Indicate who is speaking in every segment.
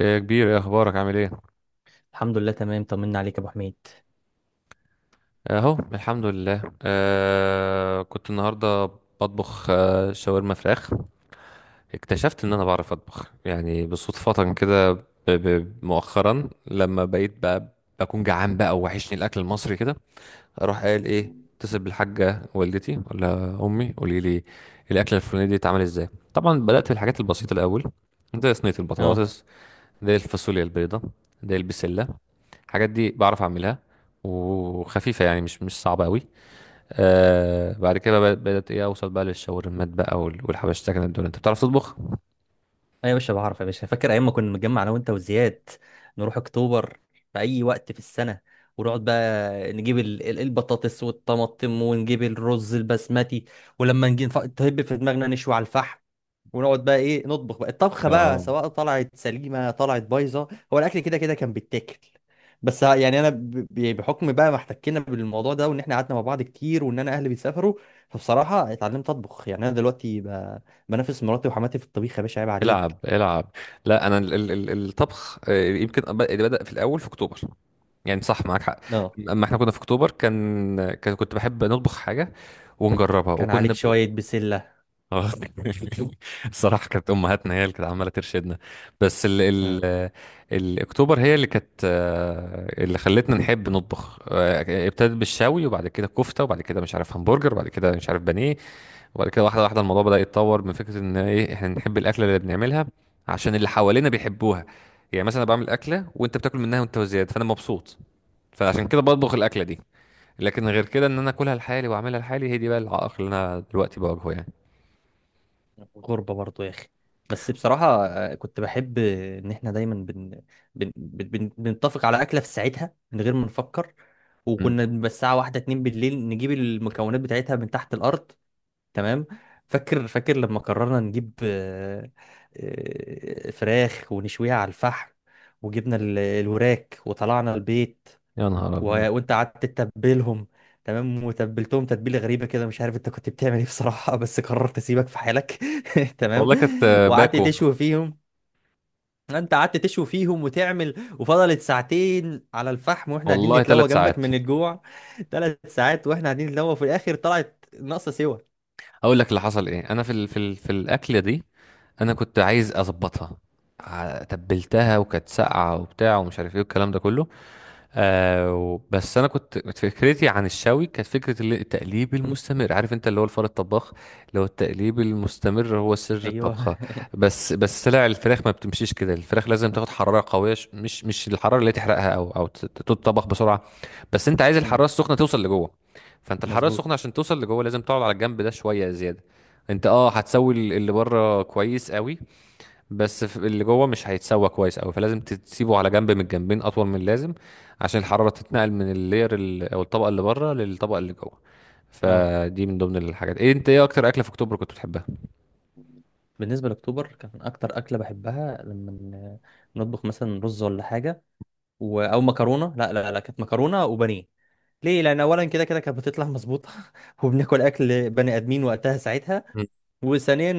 Speaker 1: إيه يا كبير، ايه اخبارك؟ عامل ايه؟
Speaker 2: الحمد لله، تمام. طمنا عليك يا ابو حميد.
Speaker 1: اهو الحمد لله. كنت النهارده بطبخ شاورما فراخ. اكتشفت ان انا بعرف اطبخ يعني بالصدفة كده، مؤخرا لما بقيت بقى بكون جعان بقى، ووحشني الاكل المصري كده. اروح قايل ايه؟ اتصل بالحاجة والدتي، ولا امي، قولي لي الاكله الفلانيه دي اتعمل ازاي. طبعا بدأت بالحاجات البسيطة الاول، زي صينية
Speaker 2: اه
Speaker 1: البطاطس، زي الفاصوليا البيضاء، زي البسلة. الحاجات دي بعرف اعملها، وخفيفه يعني مش صعبه قوي. آه بعد كده بقى بدات ايه، اوصل بقى للشاورمات بقى والحبشتكنات دول. انت بتعرف تطبخ؟
Speaker 2: ايوه يا باشا، بعرف يا باشا. فاكر ايام ما كنا نتجمع انا وانت وزياد، نروح اكتوبر في اي وقت في السنه، ونقعد بقى نجيب البطاطس والطماطم، ونجيب الرز البسمتي. ولما نجي تهب في دماغنا نشوي على الفحم، ونقعد بقى ايه نطبخ بقى الطبخه بقى،
Speaker 1: اه.
Speaker 2: سواء طلعت سليمه طلعت بايظه، هو الاكل كده كده كان بيتاكل. بس يعني انا يعني بحكم بقى ما احتكينا بالموضوع ده، وان احنا قعدنا مع بعض كتير، وان انا اهلي بيسافروا، فبصراحه اتعلمت اطبخ. يعني انا دلوقتي بنافس مراتي وحماتي في الطبيخ يا باشا، عيب
Speaker 1: العب
Speaker 2: عليك.
Speaker 1: العب. لا انا الطبخ، يمكن بدا في الاول في اكتوبر، يعني صح، معاك حق.
Speaker 2: اه.
Speaker 1: اما احنا كنا في اكتوبر، كنت بحب نطبخ حاجه ونجربها،
Speaker 2: كان عليك شويه بسله.
Speaker 1: اه الصراحة كانت أمهاتنا هي اللي كانت عمالة ترشدنا. بس ال
Speaker 2: آه.
Speaker 1: ال الأكتوبر هي اللي كانت، اللي خلتنا نحب نطبخ. ابتدت بالشوي، وبعد كده كفتة، وبعد كده مش عارف همبرجر، وبعد كده مش عارف بانيه. وبعد كده واحدة واحدة الموضوع بدأ يتطور من فكرة إن إيه إحنا نحب الأكلة اللي بنعملها عشان اللي حوالينا بيحبوها. يعني مثلا أنا بعمل أكلة وأنت بتاكل منها، وأنت وزيادة، فأنا مبسوط، فعشان كده بطبخ الأكلة دي. لكن غير كده إن أنا أكلها لحالي وأعملها لحالي، هي دي بقى العائق اللي أنا دلوقتي بواجهه يعني.
Speaker 2: غربة برضو يا أخي. بس بصراحة كنت بحب إن إحنا دايما بنتفق على أكلة في ساعتها من غير ما نفكر، وكنا بنبقى الساعة واحدة اتنين بالليل نجيب المكونات بتاعتها من تحت الأرض. تمام. فاكر فاكر لما قررنا نجيب فراخ ونشويها على الفحم، وجبنا الوراك وطلعنا البيت.
Speaker 1: يا نهار
Speaker 2: و...
Speaker 1: ابيض!
Speaker 2: وانت قعدت تتبلهم. تمام، وتبلتهم تتبيله غريبه كده، مش عارف انت كنت بتعمل ايه بصراحه، بس قررت اسيبك في حالك. تمام.
Speaker 1: والله كانت،
Speaker 2: وقعدت
Speaker 1: باكو.
Speaker 2: تشوي فيهم. انت قعدت تشوي فيهم وتعمل، وفضلت ساعتين على الفحم واحنا قاعدين
Speaker 1: والله
Speaker 2: نتلوى
Speaker 1: ثلاث
Speaker 2: جنبك
Speaker 1: ساعات
Speaker 2: من الجوع. ثلاث ساعات واحنا قاعدين نتلوى، وفي الاخر طلعت ناقصه سوا.
Speaker 1: اقول لك اللي حصل ايه، انا في الاكله دي انا كنت عايز اظبطها. تبلتها وكانت ساقعه وبتاع ومش عارف ايه والكلام ده كله. بس انا كنت فكرتي عن الشوي كانت فكره، التقليب المستمر، عارف انت، اللي هو الفار الطباخ، اللي هو التقليب المستمر هو سر
Speaker 2: ايوه.
Speaker 1: الطبخه. بس لا، الفراخ ما بتمشيش كده، الفراخ لازم تاخد حراره قويه. مش الحراره اللي تحرقها او تتطبخ بسرعه. بس انت عايز
Speaker 2: امم.
Speaker 1: الحراره السخنه توصل لجوه. فانت الحراره
Speaker 2: مظبوط.
Speaker 1: السخنه عشان توصل لجوه لازم تقعد على الجنب ده شويه زياده. انت هتسوي اللي بره كويس قوي. بس اللي جوه مش هيتسوى كويس قوي، فلازم تسيبه على جنب من الجنبين اطول من اللازم عشان الحراره تتنقل من اللير او الطبقه اللي بره للطبقه اللي جوه.
Speaker 2: اه،
Speaker 1: فدي من ضمن الحاجات ايه. انت ايه اكتر اكله في اكتوبر كنت بتحبها؟
Speaker 2: بالنسبه لاكتوبر كان اكتر اكله بحبها لما نطبخ مثلا رز ولا حاجه، او مكرونه. لا لا لا، كانت مكرونه وبانيه. ليه؟ لان اولا كده كده كانت بتطلع مظبوطه، وبناكل اكل بني ادمين وقتها ساعتها. وثانيا،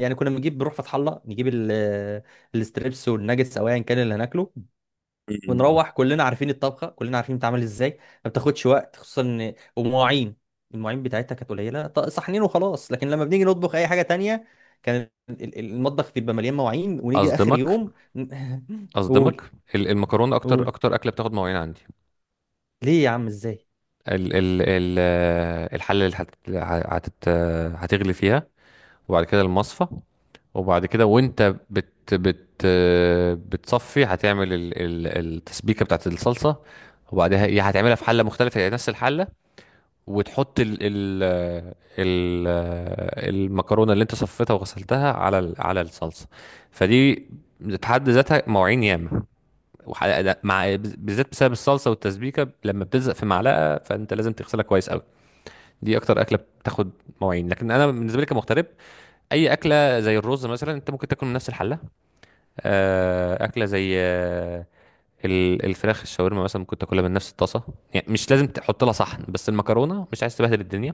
Speaker 2: يعني كنا بنروح فتح الله نجيب الستريبس والناجتس او ايا كان اللي هناكله،
Speaker 1: مم.
Speaker 2: ونروح كلنا عارفين الطبخه، كلنا عارفين بتتعمل ازاي، ما بتاخدش وقت. خصوصا ان ومواعين، المواعين بتاعتها كانت قليله، صحنين وخلاص. لكن لما بنيجي نطبخ اي حاجه تانية، كان المطبخ بيبقى مليان مواعين، ونيجي اخر
Speaker 1: اصدمك،
Speaker 2: يوم قول.
Speaker 1: اصدمك، المكرونه اكتر
Speaker 2: قول،
Speaker 1: اكتر اكله بتاخد مواعين عندي.
Speaker 2: ليه يا عم؟ ازاي؟
Speaker 1: ال ال ال الحله اللي هت هت هتغلي فيها، وبعد كده المصفى، وبعد كده وانت بت بت بتصفي هتعمل التسبيكه بتاعت الصلصه، وبعدها يا هتعملها في حله مختلفه، يعني نفس الحله، وتحط ال ال ال المكرونه اللي انت صفيتها وغسلتها على على الصلصه. فدي في حد ذاتها مواعين ياما، مع بالذات بسبب الصلصه والتسبيكه لما بتلزق في معلقه فانت لازم تغسلها كويس قوي. دي اكتر اكله بتاخد مواعين. لكن انا بالنسبه لي كمغترب، اي اكله زي الرز مثلا انت ممكن تاكل من نفس الحله. اكله زي، الفراخ الشاورما مثلا ممكن تاكلها من نفس الطاسه، يعني مش لازم تحط لها صحن. بس المكرونه مش عايز تبهدل الدنيا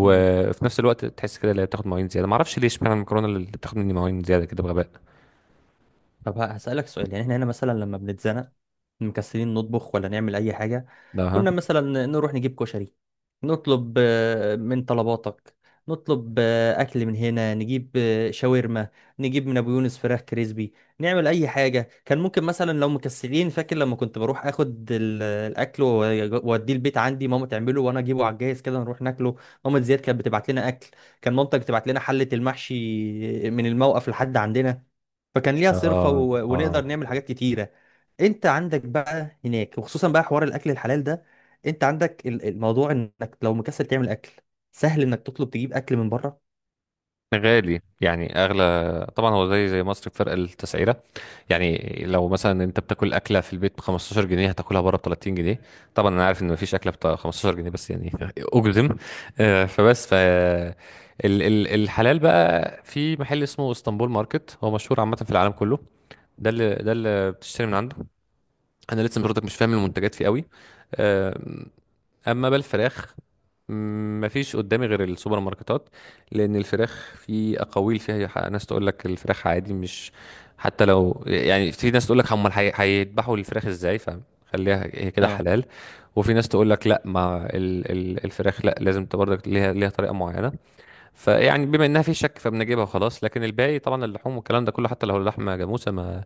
Speaker 2: مم.
Speaker 1: نفس الوقت تحس كده اللي هي بتاخد مواعين زياده. ما اعرفش ليه اشمعنى المكرونه اللي بتاخد مني مواعين زياده كده بغباء.
Speaker 2: طب هسألك سؤال. يعني احنا هنا مثلا لما بنتزنق مكسلين نطبخ ولا نعمل اي حاجة،
Speaker 1: ده، ها.
Speaker 2: كنا مثلا نروح نجيب كشري، نطلب من طلباتك، نطلب اكل من هنا، نجيب شاورما، نجيب من ابو يونس فراخ كريسبي، نعمل اي حاجة. كان ممكن مثلا لو مكسلين، فاكر لما كنت بروح اخد الاكل واوديه البيت، عندي ماما تعمله وانا اجيبه على الجاهز كده نروح ناكله. ماما زياد كانت بتبعت لنا اكل. كان مامتك تبعت لنا حلة المحشي من الموقف لحد عندنا، فكان ليها صرفة،
Speaker 1: اه،
Speaker 2: ونقدر
Speaker 1: اه.
Speaker 2: نعمل حاجات كتيرة. انت عندك بقى هناك، وخصوصا بقى حوار الاكل الحلال ده، انت عندك الموضوع انك لو مكسل تعمل اكل سهل انك تطلب تجيب اكل من بره.
Speaker 1: غالي، يعني اغلى طبعا، هو زي مصر بفرق التسعيره. يعني لو مثلا انت بتاكل اكله في البيت ب 15 جنيه هتاكلها بره ب 30 جنيه. طبعا انا عارف ان مفيش اكله ب 15 جنيه، بس يعني اجزم. فبس ال- الحلال بقى في محل اسمه اسطنبول ماركت، هو مشهور عامه في العالم كله. ده اللي بتشتري من عنده. انا لسه برضك مش فاهم المنتجات فيه قوي. اما بالفراخ، مفيش قدامي غير السوبر ماركتات، لان الفراخ في اقاويل فيها. ناس تقول لك الفراخ عادي، مش، حتى لو، يعني في ناس تقول لك هيذبحوا الفراخ ازاي فخليها هي كده
Speaker 2: اه.
Speaker 1: حلال. وفي ناس تقول لك لا، ما الفراخ لا لازم تبقى برضك ليها طريقه معينه. فيعني بما انها في شك، فبنجيبها وخلاص. لكن الباقي طبعا اللحوم والكلام ده كله، حتى لو اللحمه جاموسه ما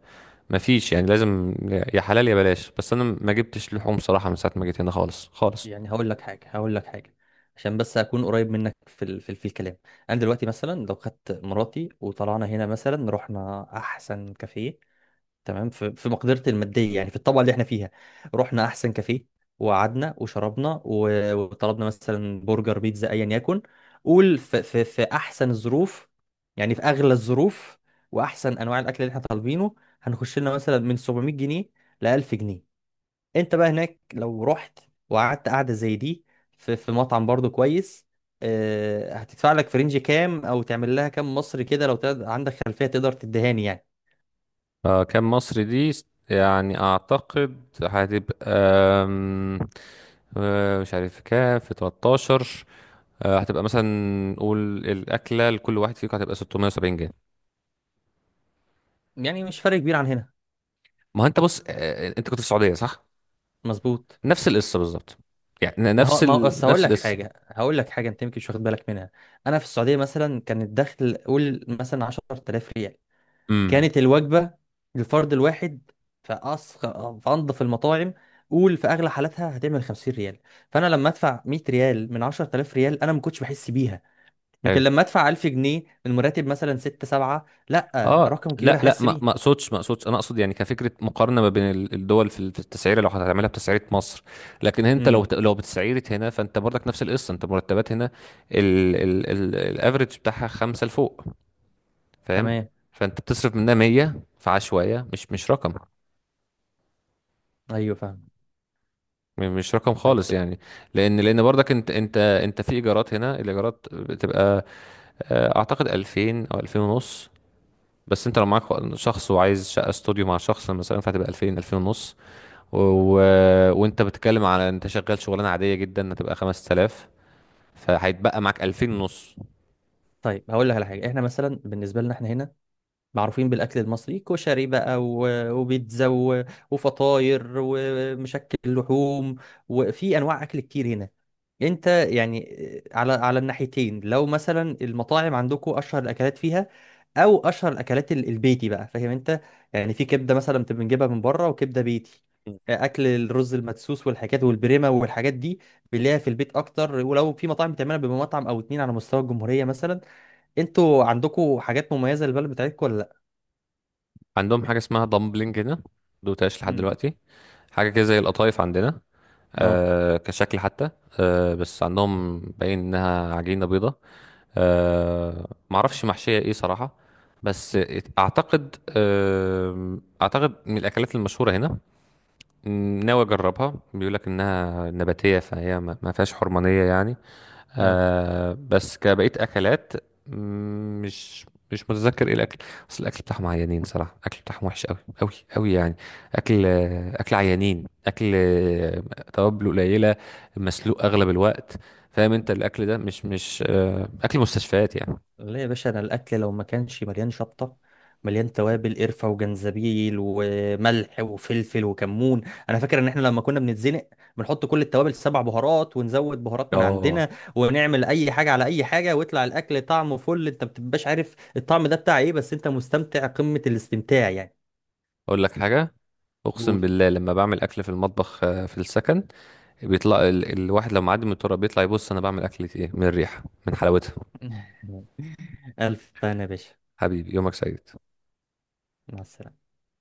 Speaker 1: ما فيش يعني، لازم يا حلال يا بلاش. بس انا ما جبتش لحوم صراحه من ساعه ما جيت هنا خالص خالص.
Speaker 2: يعني هقول لك حاجة، هقول لك حاجة عشان بس اكون قريب منك في الكلام. انا دلوقتي مثلا لو خدت مراتي وطلعنا هنا مثلا، رحنا احسن كافيه، تمام، في مقدرتي الماديه، يعني في الطبقه اللي احنا فيها، رحنا احسن كافيه، وقعدنا وشربنا وطلبنا مثلا برجر بيتزا ايا يكن، قول في, احسن الظروف، يعني في اغلى الظروف واحسن انواع الاكل اللي احنا طالبينه، هنخش لنا مثلا من 700 جنيه ل 1000 جنيه. انت بقى هناك لو رحت وقعدت قعده زي دي في مطعم برضو كويس، هتدفع لك في رينج كام؟ او تعمل لها كام مصري كده لو عندك خلفيه تقدر تدهاني يعني.
Speaker 1: كام مصري دي، يعني اعتقد هتبقى، مش عارف كام في 13. هتبقى مثلا، نقول الاكله لكل واحد فيكم هتبقى 670 جنيه.
Speaker 2: يعني مش فرق كبير عن هنا.
Speaker 1: ما هو انت بص، انت كنت في السعوديه صح؟
Speaker 2: مظبوط.
Speaker 1: نفس القصه بالظبط، يعني
Speaker 2: ما هو ما هو بس هقول
Speaker 1: نفس
Speaker 2: لك
Speaker 1: القصه.
Speaker 2: حاجه، هقول لك حاجه، انت يمكن مش واخد بالك منها. انا في السعوديه مثلا كان الدخل قول مثلا 10000 ريال،
Speaker 1: امم.
Speaker 2: كانت الوجبه للفرد الواحد في في انظف المطاعم، قول في اغلى حالاتها هتعمل 50 ريال، فانا لما ادفع 100 ريال من 10000 ريال انا ما كنتش بحس بيها. لكن لما ادفع 1000 جنيه من مرتب مثلا 6 7، لا
Speaker 1: اه،
Speaker 2: رقم كبير،
Speaker 1: لا لا،
Speaker 2: احس
Speaker 1: ما ما
Speaker 2: بيه.
Speaker 1: اقصدش ما اقصدش انا اقصد، يعني كفكره مقارنه ما بين الدول في التسعيره لو هتعملها بتسعيره مصر. لكن انت لو
Speaker 2: امم.
Speaker 1: ت- لو بتسعيره هنا فانت برضك نفس القصه، انت مرتبات هنا ال ال ال الافريج بتاعها خمسه لفوق، فاهم؟
Speaker 2: تمام.
Speaker 1: فانت بتصرف منها 100 في عشوائيه، مش رقم،
Speaker 2: ايوه فاهم.
Speaker 1: مش رقم
Speaker 2: طيب.
Speaker 1: خالص يعني. لان برضك انت في ايجارات هنا، الايجارات بتبقى، اعتقد 2000 او 2000 ونص. بس انت لو معاك شخص وعايز شقه استوديو مع شخص مثلا فهتبقى 2000 2000 ونص، و... وانت بتتكلم على انت شغال شغلانه عاديه جدا هتبقى 5000، فهيتبقى معاك 2000 ونص.
Speaker 2: طيب هقول لك على حاجه. احنا مثلا بالنسبه لنا احنا هنا معروفين بالأكل المصري، كشري بقى وبيتزا وفطاير ومشكل لحوم، وفي أنواع أكل كتير هنا. أنت يعني على الناحيتين لو مثلا المطاعم عندكم أشهر الأكلات فيها، أو أشهر الأكلات البيتي بقى، فاهم أنت. يعني في كبدة مثلا بتبقى بنجيبها من بره وكبدة بيتي، أكل الرز المدسوس والحاجات والبريمة والحاجات دي بنلاقيها في البيت أكتر، ولو في مطاعم بتعملها بمطعم أو اتنين على مستوى الجمهورية مثلا. أنتوا عندكم حاجات مميزة للبلد بتاعتكم ولا؟
Speaker 1: عندهم حاجه اسمها دامبلينج هنا دوتاش لحد
Speaker 2: امم.
Speaker 1: دلوقتي، حاجه كده زي القطايف عندنا،
Speaker 2: اه
Speaker 1: كشكل حتى. بس عندهم باين انها عجينه بيضه. معرفش محشيه ايه صراحه، بس اعتقد من الاكلات المشهوره هنا، ناوي اجربها، بيقولك انها نباتيه فهي ما فيهاش حرمانيه يعني.
Speaker 2: اه.
Speaker 1: بس كبقية أكلات، مم، مش مش متذكر ايه الأكل. بس الأكل بتاعهم عيانين صراحة، الأكل بتاعهم وحش أوي، أوي أوي يعني. أكل، أكل عيانين، أكل، توابل قليلة، مسلوق أغلب الوقت. فاهم أنت؟ الأكل ده مش أكل مستشفيات يعني.
Speaker 2: لا يا باشا، انا الاكل لو ما كانش مليان شطه، مليان توابل قرفه وجنزبيل وملح وفلفل وكمون. انا فاكر ان احنا لما كنا بنتزنق بنحط كل التوابل، سبع بهارات ونزود بهارات من
Speaker 1: اه،
Speaker 2: عندنا، ونعمل اي حاجه على اي حاجه، ويطلع الاكل طعمه فل. انت ما بتبقاش عارف الطعم ده بتاع ايه بس انت مستمتع قمه الاستمتاع يعني.
Speaker 1: أقول لك حاجة، أقسم
Speaker 2: قول.
Speaker 1: بالله لما بعمل أكل في المطبخ، في السكن، بيطلع الواحد لو معدي من التراب بيطلع يبص أنا بعمل أكل إيه من الريحة من حلاوتها.
Speaker 2: الف هنا يا باشا،
Speaker 1: حبيبي يومك سعيد.
Speaker 2: مع السلامه.